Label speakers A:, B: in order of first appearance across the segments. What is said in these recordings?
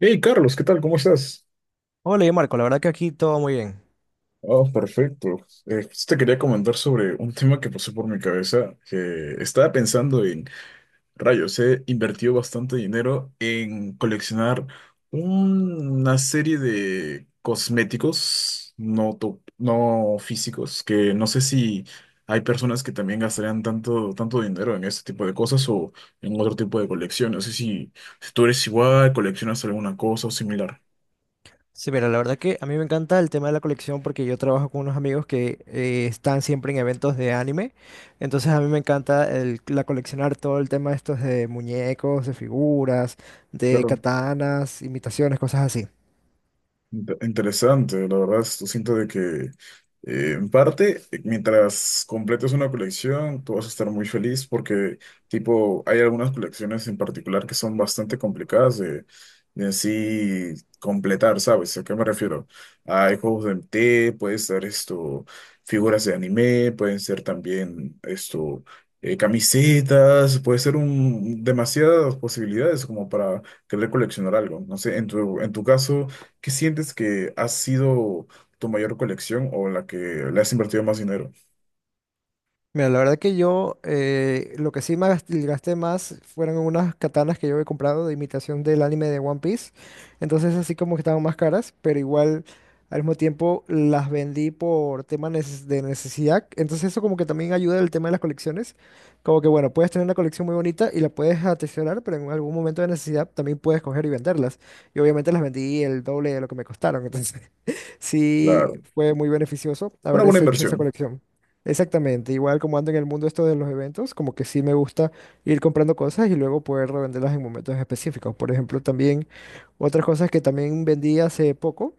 A: Hey Carlos, ¿qué tal? ¿Cómo estás?
B: Hola, yo Marco, la verdad que aquí todo muy bien.
A: Oh, perfecto. Pues te quería comentar sobre un tema que pasó por mi cabeza, que estaba pensando en, rayos, he invertido bastante dinero en coleccionar una serie de cosméticos no, no físicos, que no sé si hay personas que también gastarían tanto, tanto dinero en este tipo de cosas o en otro tipo de colección. No sé si, si tú eres igual, coleccionas alguna cosa o similar.
B: Sí, mira, la verdad que a mí me encanta el tema de la colección porque yo trabajo con unos amigos que están siempre en eventos de anime. Entonces a mí me encanta la coleccionar todo el tema estos de muñecos, de figuras, de
A: Claro.
B: katanas, imitaciones, cosas así.
A: Interesante, la verdad, esto siento de que en parte, mientras completes una colección, tú vas a estar muy feliz porque, tipo, hay algunas colecciones en particular que son bastante complicadas de en sí completar, ¿sabes? ¿A qué me refiero? Hay juegos de MT, puede ser esto, figuras de anime, pueden ser también esto, camisetas, puede ser un, demasiadas posibilidades como para querer coleccionar algo. No sé, en tu caso. ¿Qué sientes que ha sido tu mayor colección o la que le has invertido más dinero?
B: Mira, la verdad que yo lo que sí me gasté más fueron unas katanas que yo he comprado de imitación del anime de One Piece. Entonces así como que estaban más caras, pero igual al mismo tiempo las vendí por tema de necesidad. Entonces eso como que también ayuda el tema de las colecciones. Como que bueno, puedes tener una colección muy bonita y la puedes atesorar, pero en algún momento de necesidad también puedes coger y venderlas. Y obviamente las vendí el doble de lo que me costaron. Entonces sí
A: Claro,
B: fue muy beneficioso
A: una
B: haber
A: buena
B: hecho esa
A: inversión.
B: colección. Exactamente, igual como ando en el mundo esto de los eventos, como que sí me gusta ir comprando cosas y luego poder revenderlas en momentos específicos. Por ejemplo, también otras cosas que también vendí hace poco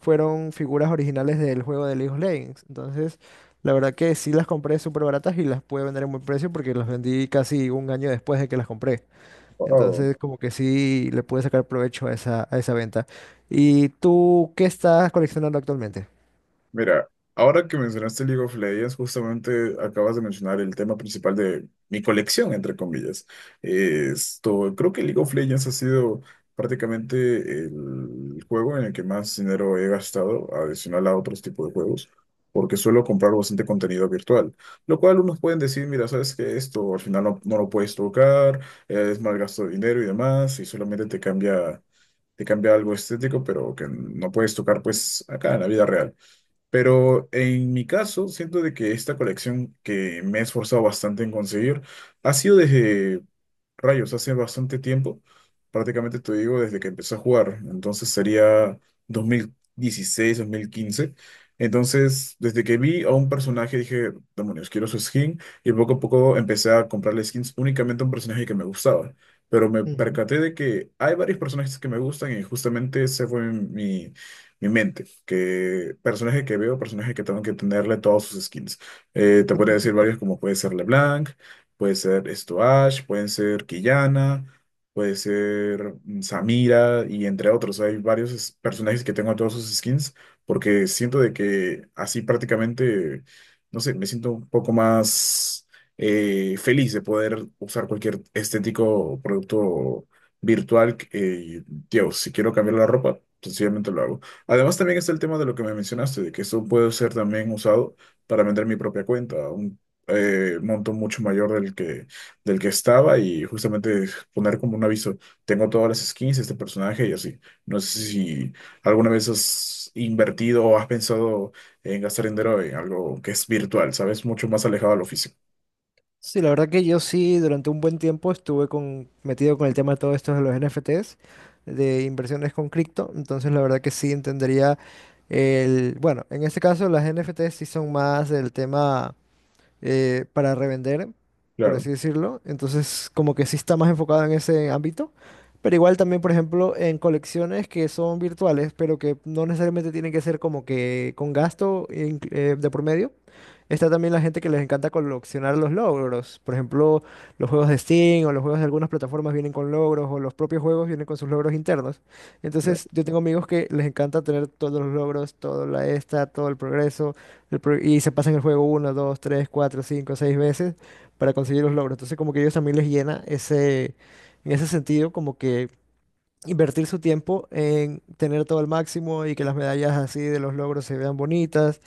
B: fueron figuras originales del juego de League of Legends. Entonces, la verdad que sí las compré súper baratas y las pude vender en buen precio porque las vendí casi un año después de que las compré.
A: Wao.
B: Entonces, como que sí le pude sacar provecho a esa venta. ¿Y tú qué estás coleccionando actualmente?
A: Mira, ahora que mencionaste League of Legends, justamente acabas de mencionar el tema principal de mi colección, entre comillas. Esto, creo que League of Legends ha sido prácticamente el juego en el que más dinero he gastado, adicional a otros tipos de juegos, porque suelo comprar bastante contenido virtual, lo cual unos pueden decir, mira, sabes que esto al final no, no lo puedes tocar, es mal gasto de dinero y demás, y solamente te cambia algo estético, pero que no puedes tocar pues acá en la vida real. Pero en mi caso, siento de que esta colección que me he esforzado bastante en conseguir ha sido desde rayos, hace bastante tiempo, prácticamente te digo desde que empecé a jugar, entonces sería 2016 2015. Entonces, desde que vi a un personaje dije, demonios, quiero su skin, y poco a poco empecé a comprarle skins únicamente a un personaje que me gustaba. Pero me
B: Ujú.
A: percaté de que hay varios personajes que me gustan y justamente ese fue mi, mi mente, que personaje que veo, personaje que tengo que tenerle todas sus skins. Te podría decir varios como puede ser LeBlanc. Puede ser esto Ash, pueden ser Quillana, puede ser Samira y entre otros. Hay varios personajes que tengo en todos sus skins porque siento de que así prácticamente, no sé, me siento un poco más feliz de poder usar cualquier estético o producto virtual. Tío, si quiero cambiar la ropa, sencillamente lo hago. Además también está el tema de lo que me mencionaste, de que esto puede ser también usado para vender mi propia cuenta monto mucho mayor del que estaba y justamente poner como un aviso, tengo todas las skins de este personaje y así. No sé si alguna vez has invertido o has pensado en gastar dinero en algo que es virtual, ¿sabes? Mucho más alejado de lo físico.
B: Sí, la verdad que yo sí durante un buen tiempo estuve metido con el tema de todo esto de los NFTs, de inversiones con cripto, entonces la verdad que sí entendería el, bueno, en este caso las NFTs sí son más del tema para revender, por
A: Claro.
B: así decirlo. Entonces, como que sí está más enfocado en ese ámbito. Pero igual también, por ejemplo, en colecciones que son virtuales, pero que no necesariamente tienen que ser como que con gasto de por medio. Está también la gente que les encanta coleccionar los logros. Por ejemplo, los juegos de Steam o los juegos de algunas plataformas vienen con logros o los propios juegos vienen con sus logros internos. Entonces, yo tengo amigos que les encanta tener todos los logros, todo el progreso, y se pasan el juego una 2 3 4 5 6 veces para conseguir los logros. Entonces como que a ellos también les llena en ese sentido, como que invertir su tiempo en tener todo al máximo y que las medallas así de los logros se vean bonitas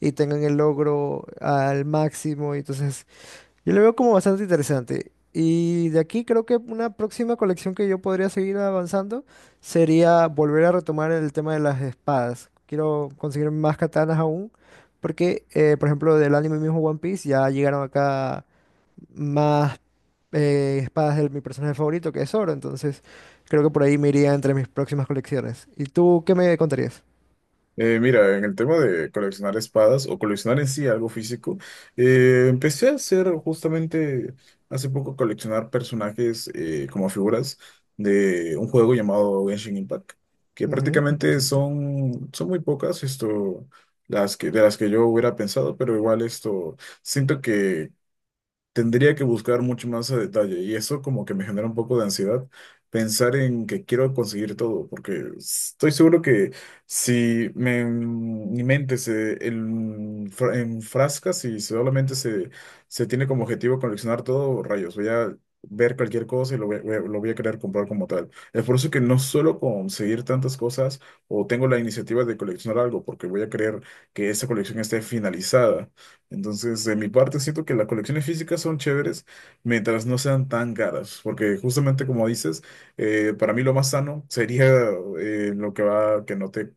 B: y tengan el logro al máximo. Y entonces yo lo veo como bastante interesante. Y de aquí creo que una próxima colección que yo podría seguir avanzando sería volver a retomar el tema de las espadas. Quiero conseguir más katanas aún, porque, por ejemplo, del anime mismo One Piece ya llegaron acá más espadas de mi personaje favorito, que es Zoro. Entonces, creo que por ahí me iría entre mis próximas colecciones. ¿Y tú qué me contarías?
A: Mira, en el tema de coleccionar espadas o coleccionar en sí algo físico, empecé a hacer justamente hace poco coleccionar personajes como figuras de un juego llamado Genshin Impact, que
B: Ujú.
A: prácticamente son, son muy pocas esto, las que, de las que yo hubiera pensado, pero igual esto siento. Tendría que buscar mucho más a detalle y eso como que me genera un poco de ansiedad pensar en que quiero conseguir todo, porque estoy seguro que si me, mi mente enfrasca, si solamente se, se tiene como objetivo coleccionar todo, rayos, voy a ver cualquier cosa y lo voy a querer comprar como tal. Es por eso que no suelo conseguir tantas cosas o tengo la iniciativa de coleccionar algo, porque voy a querer que esa colección esté finalizada. Entonces, de mi parte, siento que las colecciones físicas son chéveres mientras no sean tan caras, porque justamente como dices, para mí lo más sano sería lo que va, que no te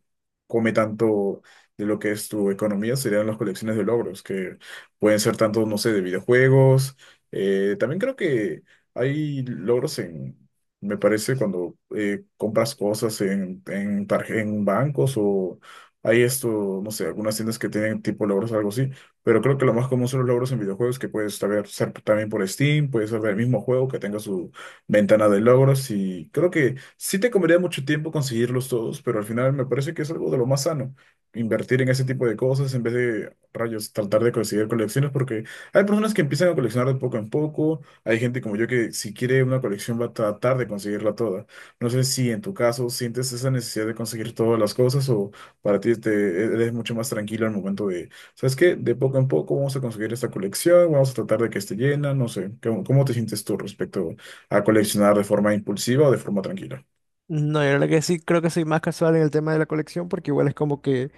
A: come tanto de lo que es tu economía, serían las colecciones de logros, que pueden ser tanto, no sé, de videojuegos. También creo que hay logros en, me parece, cuando compras cosas en, en bancos o hay esto, no sé, algunas tiendas que tienen tipo logros, algo así, pero creo que lo más común son los logros en videojuegos que puedes saber ser también por Steam, puedes ser el mismo juego que tenga su ventana de logros y creo que sí te comería mucho tiempo conseguirlos todos, pero al final me parece que es algo de lo más sano, invertir en ese tipo de cosas en vez de rayos tratar de conseguir colecciones porque hay personas que empiezan a coleccionar de poco en poco, hay gente como yo que si quiere una colección va a tratar de conseguirla toda. No sé si en tu caso sientes esa necesidad de conseguir todas las cosas o para ti te eres mucho más tranquilo al momento de ¿sabes qué? De poco en poco vamos a conseguir esta colección, vamos a tratar de que esté llena, no sé, ¿cómo, cómo te sientes tú respecto a coleccionar de forma impulsiva o de forma tranquila?
B: No, yo la verdad que sí, creo que soy más casual en el tema de la colección porque igual es como que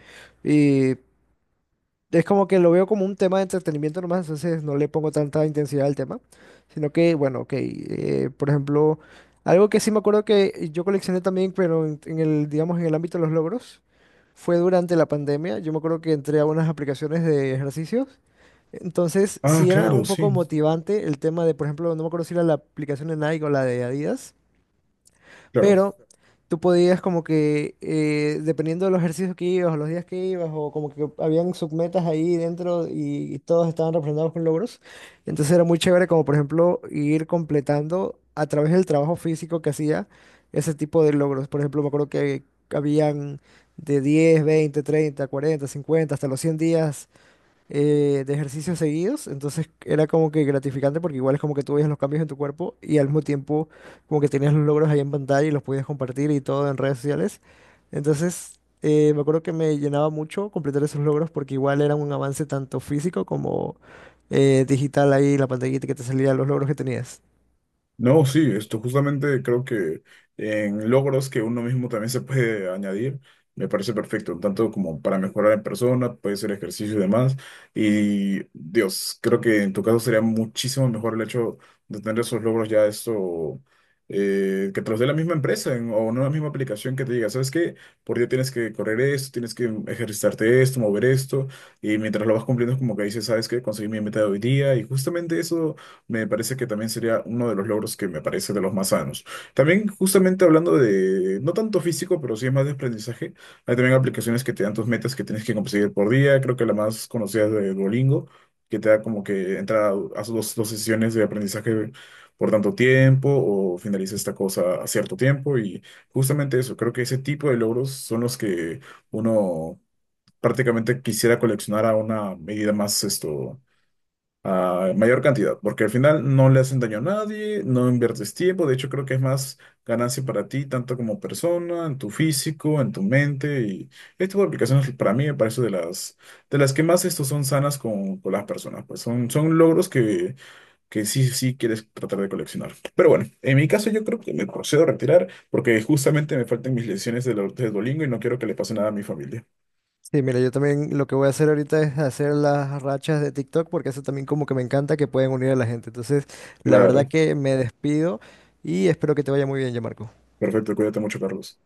B: es como que lo veo como un tema de entretenimiento nomás, entonces no le pongo tanta intensidad al tema, sino que, bueno, ok, por ejemplo, algo que sí me acuerdo que yo coleccioné también, pero digamos, en el ámbito de los logros, fue durante la pandemia, yo me acuerdo que entré a unas aplicaciones de ejercicios, entonces
A: Ah,
B: sí era
A: claro,
B: un poco
A: sí,
B: motivante el tema de, por ejemplo, no me acuerdo si era la aplicación de Nike o la de Adidas,
A: claro.
B: pero tú podías como que, dependiendo de los ejercicios que ibas o los días que ibas, o como que habían submetas ahí dentro y todos estaban representados con logros. Entonces era muy chévere como por ejemplo ir completando a través del trabajo físico que hacía ese tipo de logros. Por ejemplo, me acuerdo que habían de 10, 20, 30, 40, 50 hasta los 100 días de ejercicios seguidos, entonces era como que gratificante porque igual es como que tú veías los cambios en tu cuerpo y al mismo tiempo como que tenías los logros ahí en pantalla y los podías compartir y todo en redes sociales. Entonces me acuerdo que me llenaba mucho completar esos logros porque igual era un avance tanto físico como digital ahí, la pantallita que te salía los logros que tenías.
A: No, sí, esto justamente creo que en logros que uno mismo también se puede añadir, me parece perfecto, tanto como para mejorar en persona, puede ser ejercicio y demás. Y Dios, creo que en tu caso sería muchísimo mejor el hecho de tener esos logros ya esto, que te los dé la misma empresa o no la misma aplicación que te diga, ¿sabes qué? Por día tienes que correr esto, tienes que ejercitarte esto, mover esto, y mientras lo vas cumpliendo es como que dices, ¿sabes qué? Conseguí mi meta de hoy día, y justamente eso me parece que también sería uno de los logros que me parece de los más sanos. También, justamente hablando de, no tanto físico, pero sí es más de aprendizaje, hay también aplicaciones que te dan tus metas que tienes que conseguir por día. Creo que la más conocida es de Duolingo, que te da como que entra a 2 sesiones de aprendizaje por tanto tiempo o finaliza esta cosa a cierto tiempo. Y justamente eso, creo que ese tipo de logros son los que uno prácticamente quisiera coleccionar a una medida más esto, a mayor cantidad, porque al final no le hacen daño a nadie, no inviertes tiempo, de hecho creo que es más ganancia para ti, tanto como persona, en tu físico, en tu mente, y este tipo de aplicaciones para mí me parece de las que más estos son sanas con las personas, pues son, son logros que sí, sí quieres tratar de coleccionar. Pero bueno, en mi caso yo creo que me procedo a retirar porque justamente me faltan mis lecciones de, de Duolingo y no quiero que le pase nada a mi familia.
B: Sí, mira, yo también lo que voy a hacer ahorita es hacer las rachas de TikTok porque eso también como que me encanta que pueden unir a la gente. Entonces, la verdad
A: Claro,
B: que me despido y espero que te vaya muy bien, ya Marco.
A: perfecto, cuídate mucho, Carlos.